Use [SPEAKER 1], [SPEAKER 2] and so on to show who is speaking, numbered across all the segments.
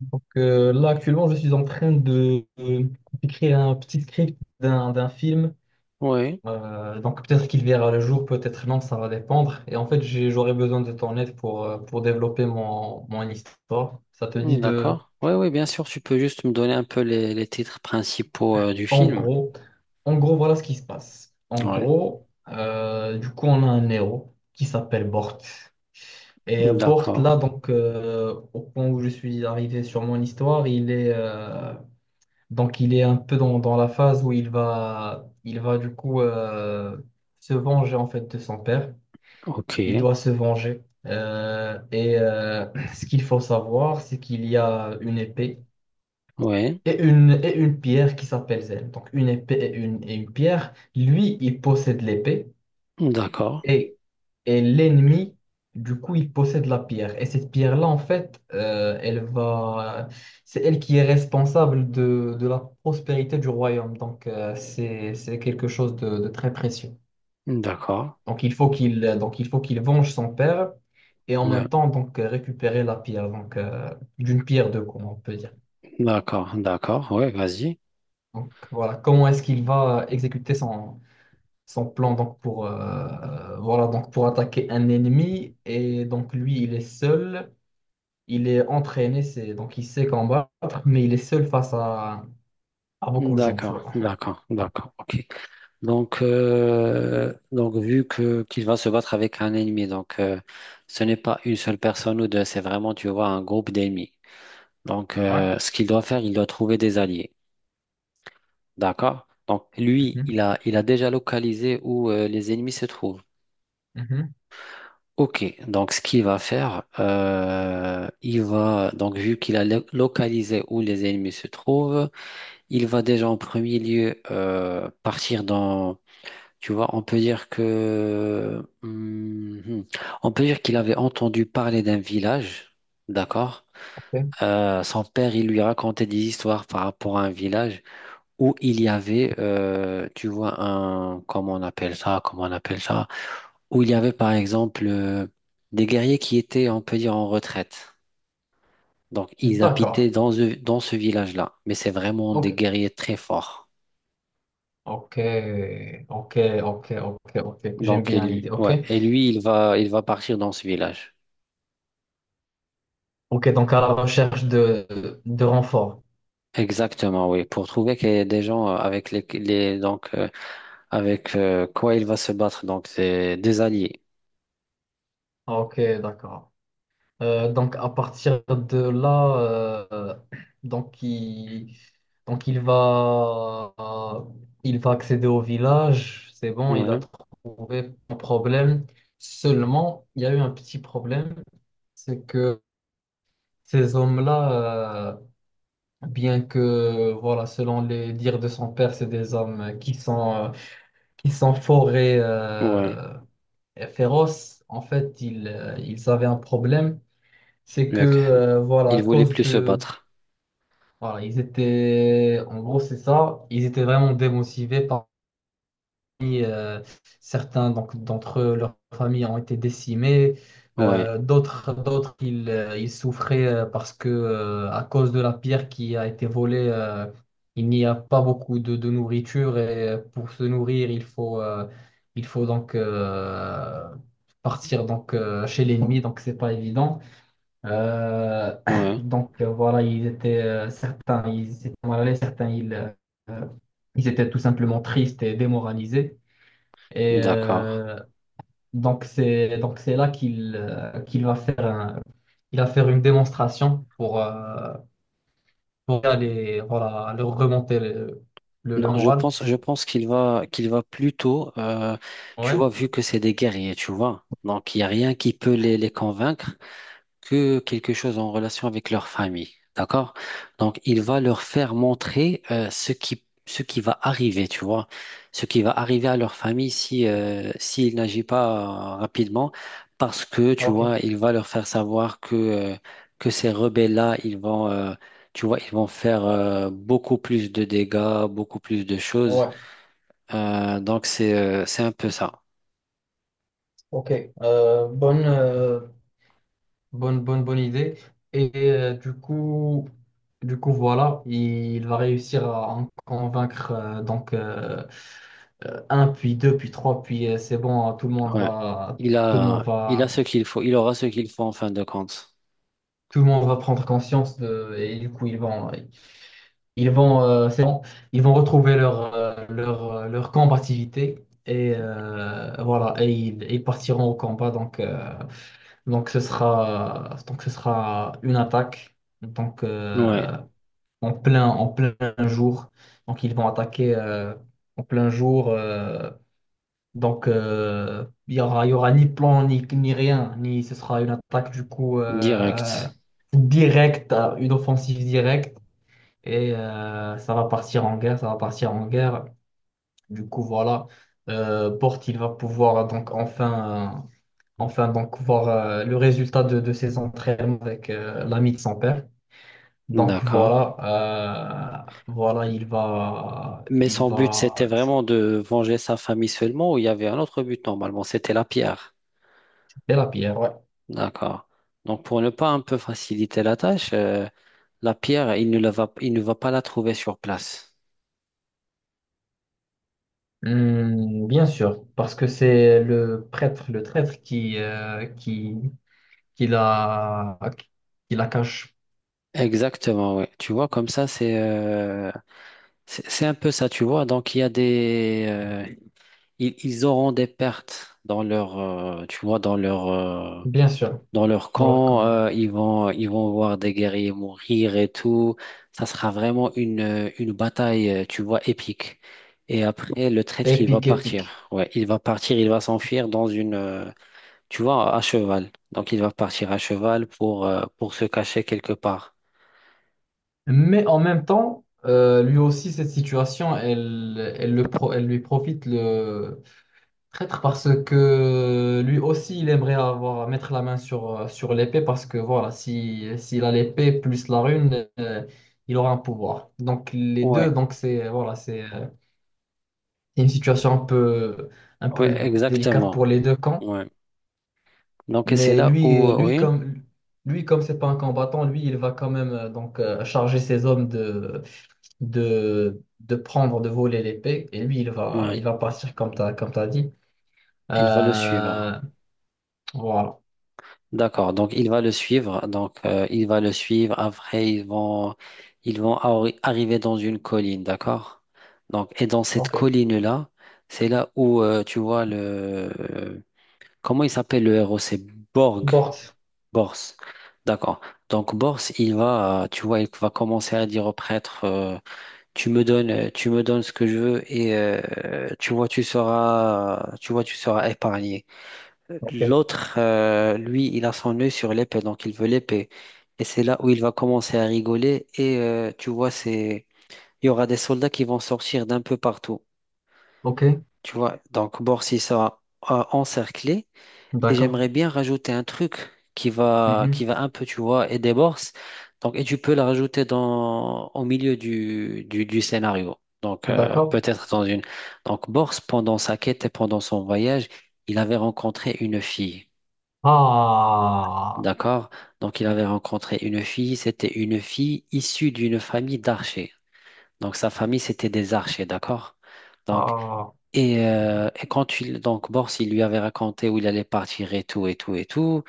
[SPEAKER 1] Donc là, actuellement, je suis en train d'écrire un petit script d'un film.
[SPEAKER 2] Oui,
[SPEAKER 1] Donc peut-être qu'il verra le jour, peut-être non, ça va dépendre. Et en fait, j'aurais besoin de ton aide pour développer mon histoire. Ça te dit
[SPEAKER 2] hmm,
[SPEAKER 1] de,
[SPEAKER 2] d'accord. Oui, oui, bien sûr, tu peux juste me donner un peu les titres principaux du
[SPEAKER 1] en
[SPEAKER 2] film.
[SPEAKER 1] gros, en gros, voilà ce qui se passe. En
[SPEAKER 2] Oui,
[SPEAKER 1] gros, du coup, on a un héros qui s'appelle Bort. Et
[SPEAKER 2] hmm,
[SPEAKER 1] Bort,
[SPEAKER 2] d'accord.
[SPEAKER 1] là, donc, au point où je suis arrivé sur mon histoire. Donc il est un peu dans la phase où il va du coup se venger en fait de son père.
[SPEAKER 2] Ok.
[SPEAKER 1] Il doit se venger. Et ce qu'il faut savoir, c'est qu'il y a une épée
[SPEAKER 2] Oui,
[SPEAKER 1] et une pierre qui s'appelle Zen. Donc une épée et une pierre. Lui, il possède l'épée.
[SPEAKER 2] d'accord.
[SPEAKER 1] Et, et l'ennemi, du coup, il possède la pierre. Et cette pierre-là, en fait, c'est elle qui est responsable de la prospérité du royaume. Donc, c'est quelque chose de très précieux.
[SPEAKER 2] Hmm, d'accord.
[SPEAKER 1] Donc, il faut qu'il venge son père et en
[SPEAKER 2] Ouais,
[SPEAKER 1] même temps, donc, récupérer la pierre. Donc, d'une pierre deux, comme on peut dire.
[SPEAKER 2] d'accord, d'accord. Oui, vas-y.
[SPEAKER 1] Donc, voilà, comment est-ce qu'il va exécuter son plan donc, pour, voilà, donc, pour attaquer un ennemi. Et donc, lui, il est seul. Il est entraîné, c'est donc il sait combattre, mais il est seul face à
[SPEAKER 2] Hmm,
[SPEAKER 1] beaucoup de gens, tu vois.
[SPEAKER 2] d'accord, d'accord, d'accord. Ok. Donc, vu que qu'il va se battre avec un ennemi, ce n'est pas une seule personne ou deux, c'est vraiment, tu vois, un groupe d'ennemis. Donc,
[SPEAKER 1] Ouais.
[SPEAKER 2] euh, ce qu'il doit faire, il doit trouver des alliés. D'accord. Donc lui,
[SPEAKER 1] Mhm,
[SPEAKER 2] il a déjà localisé où les ennemis se trouvent.
[SPEAKER 1] mhm.
[SPEAKER 2] Ok, donc ce qu'il va faire, donc vu qu'il a localisé où les ennemis se trouvent, il va déjà en premier lieu partir dans, tu vois, on peut dire que, mhm, on peut dire qu'il avait entendu parler d'un village, d'accord?
[SPEAKER 1] Ok.
[SPEAKER 2] Son père, il lui racontait des histoires par rapport à un village, où il y avait, tu vois, un, comment on appelle ça, comment on appelle ça, où il y avait par exemple des guerriers qui étaient, on peut dire, en retraite. Donc, ils
[SPEAKER 1] D'accord.
[SPEAKER 2] habitaient dans ce village-là, mais c'est vraiment des
[SPEAKER 1] Ok.
[SPEAKER 2] guerriers très forts.
[SPEAKER 1] Ok. Ok. Ok. Ok. Ok. J'aime
[SPEAKER 2] Donc,
[SPEAKER 1] bien l'idée. Ok.
[SPEAKER 2] ouais, et lui, il va partir dans ce village.
[SPEAKER 1] Ok. Donc à la recherche de renfort.
[SPEAKER 2] Exactement, oui, pour trouver qu'il y a des gens avec avec quoi il va se battre, donc c'est des alliés.
[SPEAKER 1] Ok. D'accord. Donc à partir de là, euh, donc il, donc il va accéder au village. C'est bon, il a
[SPEAKER 2] Ouais,
[SPEAKER 1] trouvé un problème. Seulement, il y a eu un petit problème, c'est que ces hommes-là, bien que voilà, selon les dires de son père, c'est des hommes qui sont forts et,
[SPEAKER 2] ouais.
[SPEAKER 1] euh, et féroces. En fait, ils avaient un problème, c'est que
[SPEAKER 2] Lequel?
[SPEAKER 1] voilà, à
[SPEAKER 2] Il voulait
[SPEAKER 1] cause
[SPEAKER 2] plus se
[SPEAKER 1] de.
[SPEAKER 2] battre.
[SPEAKER 1] Voilà, ils étaient, en gros, c'est ça. Ils étaient vraiment démotivés. Parmi certains donc, d'entre eux, leurs familles ont été décimées.
[SPEAKER 2] Ouais.
[SPEAKER 1] D'autres, ils souffraient parce que à cause de la pierre qui a été volée. Il n'y a pas beaucoup de nourriture et pour se nourrir, il faut donc partir donc chez l'ennemi. Donc c'est pas évident. Euh,
[SPEAKER 2] Ouais.
[SPEAKER 1] donc voilà, ils étaient certains, ils étaient mal à l'aise, certains, euh, ils étaient tout simplement tristes et démoralisés. Et
[SPEAKER 2] D'accord.
[SPEAKER 1] euh, donc c'est là qu'il va faire il va faire une démonstration pour aller voilà leur remonter le
[SPEAKER 2] Non, je
[SPEAKER 1] moral.
[SPEAKER 2] pense, je pense qu'il va plutôt, tu
[SPEAKER 1] Ouais.
[SPEAKER 2] vois, vu que c'est des guerriers, tu vois. Donc, il n'y a rien qui peut les convaincre, que quelque chose en relation avec leur famille. D'accord? Donc, il va leur faire montrer ce qui va arriver, tu vois, ce qui va arriver à leur famille si, s'il n'agit pas rapidement, parce que, tu
[SPEAKER 1] Ok,
[SPEAKER 2] vois, il va leur faire savoir que ces rebelles-là, tu vois, ils vont faire beaucoup plus de dégâts, beaucoup plus de choses.
[SPEAKER 1] ouais,
[SPEAKER 2] Donc, c'est un peu ça.
[SPEAKER 1] ok. Euh, bonne, euh, Bonne, bonne, bonne idée. Et du coup, voilà, il va réussir à en convaincre donc un, puis deux, puis trois, puis c'est bon, tout le monde
[SPEAKER 2] Ouais.
[SPEAKER 1] va,
[SPEAKER 2] Il
[SPEAKER 1] tout le
[SPEAKER 2] a,
[SPEAKER 1] monde
[SPEAKER 2] il a
[SPEAKER 1] va,
[SPEAKER 2] ce qu'il faut, il aura ce qu'il faut en fin de compte.
[SPEAKER 1] tout le monde va prendre conscience de, et du coup, c'est bon, ils vont retrouver leur combativité et voilà, et ils partiront au combat. Donc, donc ce sera une attaque. Donc,
[SPEAKER 2] Ouais.
[SPEAKER 1] en plein jour. Donc, ils vont attaquer en plein jour. Donc, il y aura ni plan, ni rien, ni ce sera une attaque du coup
[SPEAKER 2] Direct.
[SPEAKER 1] directe, une offensive directe. Et ça va partir en guerre, ça va partir en guerre. Du coup, voilà, Porte, il va pouvoir donc enfin donc voir le résultat de ses entraînements avec l'ami de son père. Donc
[SPEAKER 2] D'accord.
[SPEAKER 1] voilà, il va,
[SPEAKER 2] Mais
[SPEAKER 1] il
[SPEAKER 2] son but,
[SPEAKER 1] va
[SPEAKER 2] c'était vraiment de venger sa famille seulement, ou il y avait un autre but, normalement, c'était la pierre.
[SPEAKER 1] tuer la pierre, ouais.
[SPEAKER 2] D'accord. Donc, pour ne pas un peu faciliter la tâche, la pierre, il ne va pas la trouver sur place.
[SPEAKER 1] Hmm, bien sûr, parce que c'est le prêtre, le traître qui la, qui la cache,
[SPEAKER 2] Exactement, oui. Tu vois, comme ça, c'est un peu ça, tu vois. Donc il y a des ils auront des pertes dans leur, tu vois, dans leur,
[SPEAKER 1] bien sûr,
[SPEAKER 2] dans leur
[SPEAKER 1] dans leur camp.
[SPEAKER 2] camp,
[SPEAKER 1] Ouais.
[SPEAKER 2] ils vont voir des guerriers mourir et tout. Ça sera vraiment une bataille, tu vois, épique. Et après, le traître, il va
[SPEAKER 1] Épique,
[SPEAKER 2] partir.
[SPEAKER 1] épique.
[SPEAKER 2] Ouais, il va partir, il va s'enfuir dans une, tu vois, à cheval. Donc, il va partir à cheval pour se cacher quelque part.
[SPEAKER 1] Mais en même temps, lui aussi, cette situation, elle, elle lui profite. Traître, parce que lui aussi il aimerait avoir mettre la main sur l'épée, parce que voilà, si s'il a l'épée plus la rune il aura un pouvoir, donc les deux,
[SPEAKER 2] Ouais,
[SPEAKER 1] donc c'est voilà, c'est une situation un peu un
[SPEAKER 2] ouais,
[SPEAKER 1] peu délicate
[SPEAKER 2] exactement.
[SPEAKER 1] pour les deux camps.
[SPEAKER 2] Ouais. Donc, et c'est
[SPEAKER 1] mais
[SPEAKER 2] là
[SPEAKER 1] lui
[SPEAKER 2] où,
[SPEAKER 1] euh, lui
[SPEAKER 2] oui,
[SPEAKER 1] comme lui comme c'est pas un combattant, lui il va quand même donc charger ses hommes de de prendre, de voler l'épée, et lui il va
[SPEAKER 2] ouais,
[SPEAKER 1] il va partir comme t'as dit.
[SPEAKER 2] il va le suivre.
[SPEAKER 1] Euh, voilà.
[SPEAKER 2] D'accord, donc il va le suivre, donc il va le suivre, après ils vont arriver dans une colline, d'accord? Donc, et dans cette
[SPEAKER 1] Ok.
[SPEAKER 2] colline-là, c'est là où tu vois le... Comment il s'appelle le héros? C'est Borg,
[SPEAKER 1] Board.
[SPEAKER 2] Bors, d'accord. Donc Bors, tu vois, il va commencer à dire au prêtre, tu me donnes ce que je veux et tu vois, tu seras, tu vois, tu seras épargné.
[SPEAKER 1] Ok.
[SPEAKER 2] L'autre, lui, il a son œil sur l'épée, donc il veut l'épée. Et c'est là où il va commencer à rigoler. Et tu vois, c'est... il y aura des soldats qui vont sortir d'un peu partout.
[SPEAKER 1] Ok,
[SPEAKER 2] Tu vois, donc Borsi sera encerclé. Et
[SPEAKER 1] d'accord.
[SPEAKER 2] j'aimerais bien rajouter un truc qui va,
[SPEAKER 1] Mhm.
[SPEAKER 2] qui va un peu, tu vois, aider Bors. Donc, et tu peux la rajouter dans... au milieu du scénario. Donc,
[SPEAKER 1] D'accord.
[SPEAKER 2] peut-être dans une. Donc, Bors, pendant sa quête et pendant son voyage, il avait rencontré une fille.
[SPEAKER 1] Ah,
[SPEAKER 2] D'accord? Donc, il avait rencontré une fille. C'était une fille issue d'une famille d'archers. Donc, sa famille, c'était des archers, d'accord? Donc,
[SPEAKER 1] ah,
[SPEAKER 2] et quand il, donc, Bors, il lui avait raconté où il allait partir et tout, et tout, et tout.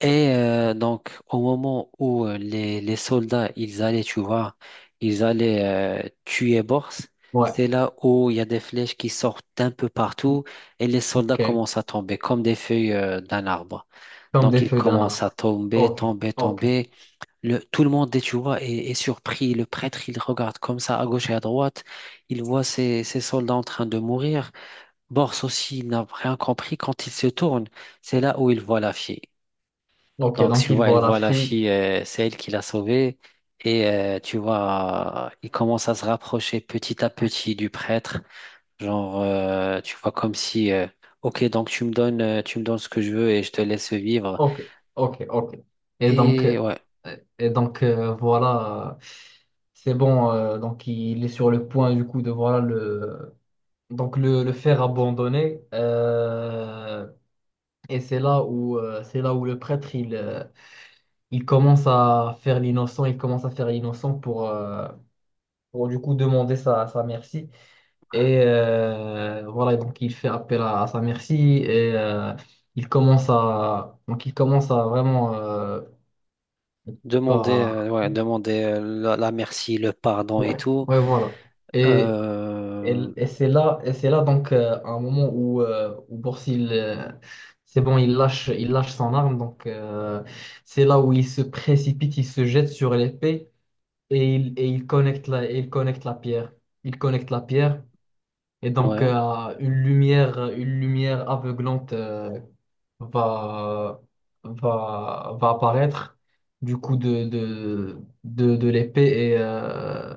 [SPEAKER 2] Et donc, au moment où les soldats, ils allaient, tu vois, ils allaient tuer Bors,
[SPEAKER 1] ouais,
[SPEAKER 2] c'est là où il y a des flèches qui sortent un peu partout, et les soldats
[SPEAKER 1] ok.
[SPEAKER 2] commencent à tomber comme des feuilles d'un arbre.
[SPEAKER 1] Comme
[SPEAKER 2] Donc
[SPEAKER 1] des
[SPEAKER 2] il
[SPEAKER 1] feuilles d'un
[SPEAKER 2] commence à
[SPEAKER 1] arbre.
[SPEAKER 2] tomber,
[SPEAKER 1] Ok,
[SPEAKER 2] tomber,
[SPEAKER 1] ok,
[SPEAKER 2] tomber. Tout le monde, tu vois, est surpris. Le prêtre, il regarde comme ça à gauche et à droite. Il voit ses soldats en train de mourir. Bors aussi, il n'a rien compris. Quand il se tourne, c'est là où il voit la fille.
[SPEAKER 1] ok.
[SPEAKER 2] Donc
[SPEAKER 1] Donc
[SPEAKER 2] tu
[SPEAKER 1] il
[SPEAKER 2] vois, il
[SPEAKER 1] voit la
[SPEAKER 2] voit la
[SPEAKER 1] fille.
[SPEAKER 2] fille, c'est elle qui l'a sauvée. Et tu vois, il commence à se rapprocher petit à petit du prêtre. Genre, tu vois, comme si, ok, donc tu me donnes ce que je veux et je te laisse vivre.
[SPEAKER 1] Ok, ok, ok. Et donc, euh,
[SPEAKER 2] Et ouais.
[SPEAKER 1] et donc, voilà, c'est bon. Donc il est sur le point du coup de voilà le faire abandonner. Et c'est là où le prêtre il commence à faire l'innocent, il commence à faire l'innocent pour du coup demander sa merci. Et voilà, donc il fait appel à sa merci, et il commence à vraiment
[SPEAKER 2] Demander,
[SPEAKER 1] Bah,
[SPEAKER 2] ouais, demander la merci, le pardon et
[SPEAKER 1] ouais,
[SPEAKER 2] tout.
[SPEAKER 1] ouais voilà. Et, et,
[SPEAKER 2] Euh,
[SPEAKER 1] et c'est là, donc, un moment où Borsil c'est bon, il lâche son arme, donc c'est là où il se précipite, il se jette sur l'épée. Et il connecte la pierre. Il connecte la pierre, et donc
[SPEAKER 2] ouais.
[SPEAKER 1] une lumière aveuglante va, va apparaître du coup de l'épée et, euh,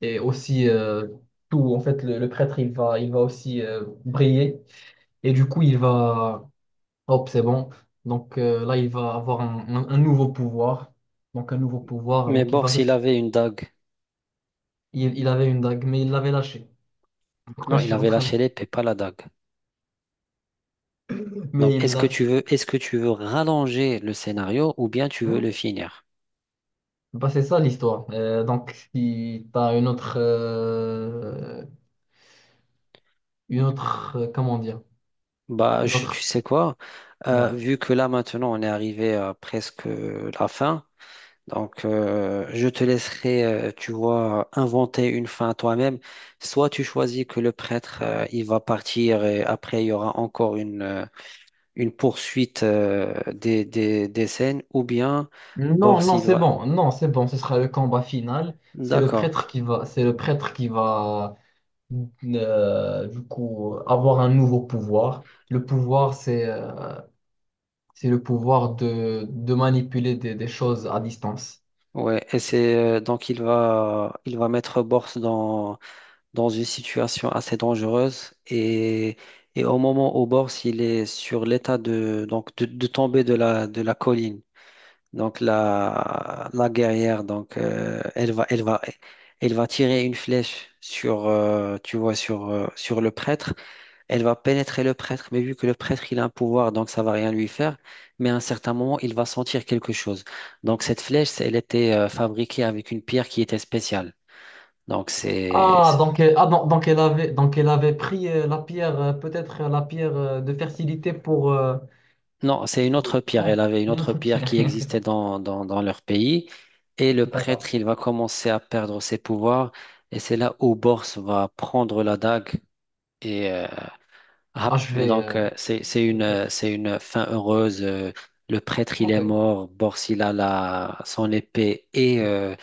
[SPEAKER 1] et aussi tout. En fait, le prêtre, il va aussi briller, et du coup, il va. Hop, c'est bon. Donc là, il va avoir un nouveau pouvoir. Donc un nouveau pouvoir.
[SPEAKER 2] Mais
[SPEAKER 1] Donc il
[SPEAKER 2] bon,
[SPEAKER 1] va...
[SPEAKER 2] s'il
[SPEAKER 1] se-
[SPEAKER 2] avait une dague.
[SPEAKER 1] Il avait une dague, mais il l'avait lâchée. Pourquoi
[SPEAKER 2] Non,
[SPEAKER 1] je
[SPEAKER 2] il
[SPEAKER 1] suis en
[SPEAKER 2] avait
[SPEAKER 1] train de.
[SPEAKER 2] lâché l'épée, pas la dague.
[SPEAKER 1] Mais
[SPEAKER 2] Donc,
[SPEAKER 1] il
[SPEAKER 2] est-ce que
[SPEAKER 1] l'a
[SPEAKER 2] tu
[SPEAKER 1] fait.
[SPEAKER 2] veux, est-ce que tu veux rallonger le scénario, ou bien tu veux le
[SPEAKER 1] Non.
[SPEAKER 2] finir?
[SPEAKER 1] Bah, c'est ça l'histoire. Donc, si tu as une autre, une autre, comment dire?
[SPEAKER 2] Bah,
[SPEAKER 1] Une
[SPEAKER 2] tu
[SPEAKER 1] autre.
[SPEAKER 2] sais quoi?
[SPEAKER 1] Ouais.
[SPEAKER 2] Vu que là maintenant on est arrivé à presque la fin, donc, je te laisserai, tu vois, inventer une fin à toi-même. Soit tu choisis que le prêtre, il va partir et après, il y aura encore une, une poursuite, des scènes, ou bien Bors,
[SPEAKER 1] Non, non,
[SPEAKER 2] il
[SPEAKER 1] c'est
[SPEAKER 2] va...
[SPEAKER 1] bon. Non, c'est bon. Ce sera le combat final. C'est le
[SPEAKER 2] D'accord.
[SPEAKER 1] prêtre qui va. C'est le prêtre qui va. Du coup, avoir un nouveau pouvoir. Le pouvoir, c'est le pouvoir de manipuler des choses à distance.
[SPEAKER 2] Ouais, et c'est donc il va mettre Bors dans une situation assez dangereuse, et au moment où Bors il est sur l'état de de tomber de la colline. Donc la guerrière, elle va tirer une flèche tu vois, sur le prêtre. Elle va pénétrer le prêtre, mais vu que le prêtre il a un pouvoir, donc ça va rien lui faire. Mais à un certain moment, il va sentir quelque chose. Donc cette flèche, elle était fabriquée avec une pierre qui était spéciale. Donc c'est,
[SPEAKER 1] Ah, donc, elle avait pris la pierre, peut-être la pierre de fertilité pour.
[SPEAKER 2] Non, c'est une autre pierre. Elle
[SPEAKER 1] Non,
[SPEAKER 2] avait une
[SPEAKER 1] il y a une
[SPEAKER 2] autre
[SPEAKER 1] autre
[SPEAKER 2] pierre
[SPEAKER 1] pierre.
[SPEAKER 2] qui existait dans leur pays. Et le
[SPEAKER 1] D'accord.
[SPEAKER 2] prêtre, il va commencer à perdre ses pouvoirs. Et c'est là où Bors va prendre la dague. Et
[SPEAKER 1] Ah, je vais... euh,
[SPEAKER 2] c'est, c'est
[SPEAKER 1] Le
[SPEAKER 2] une, euh,
[SPEAKER 1] prêtre.
[SPEAKER 2] c'est une fin heureuse. Le prêtre, il est
[SPEAKER 1] Ok.
[SPEAKER 2] mort. Bors, il a son épée et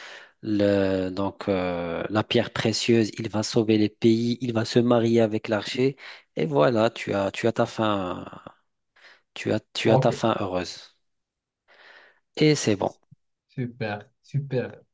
[SPEAKER 2] la pierre précieuse. Il va sauver les pays. Il va se marier avec l'archer. Et voilà, tu as ta fin, tu as ta
[SPEAKER 1] Ok.
[SPEAKER 2] fin heureuse. Et c'est bon.
[SPEAKER 1] Super, super.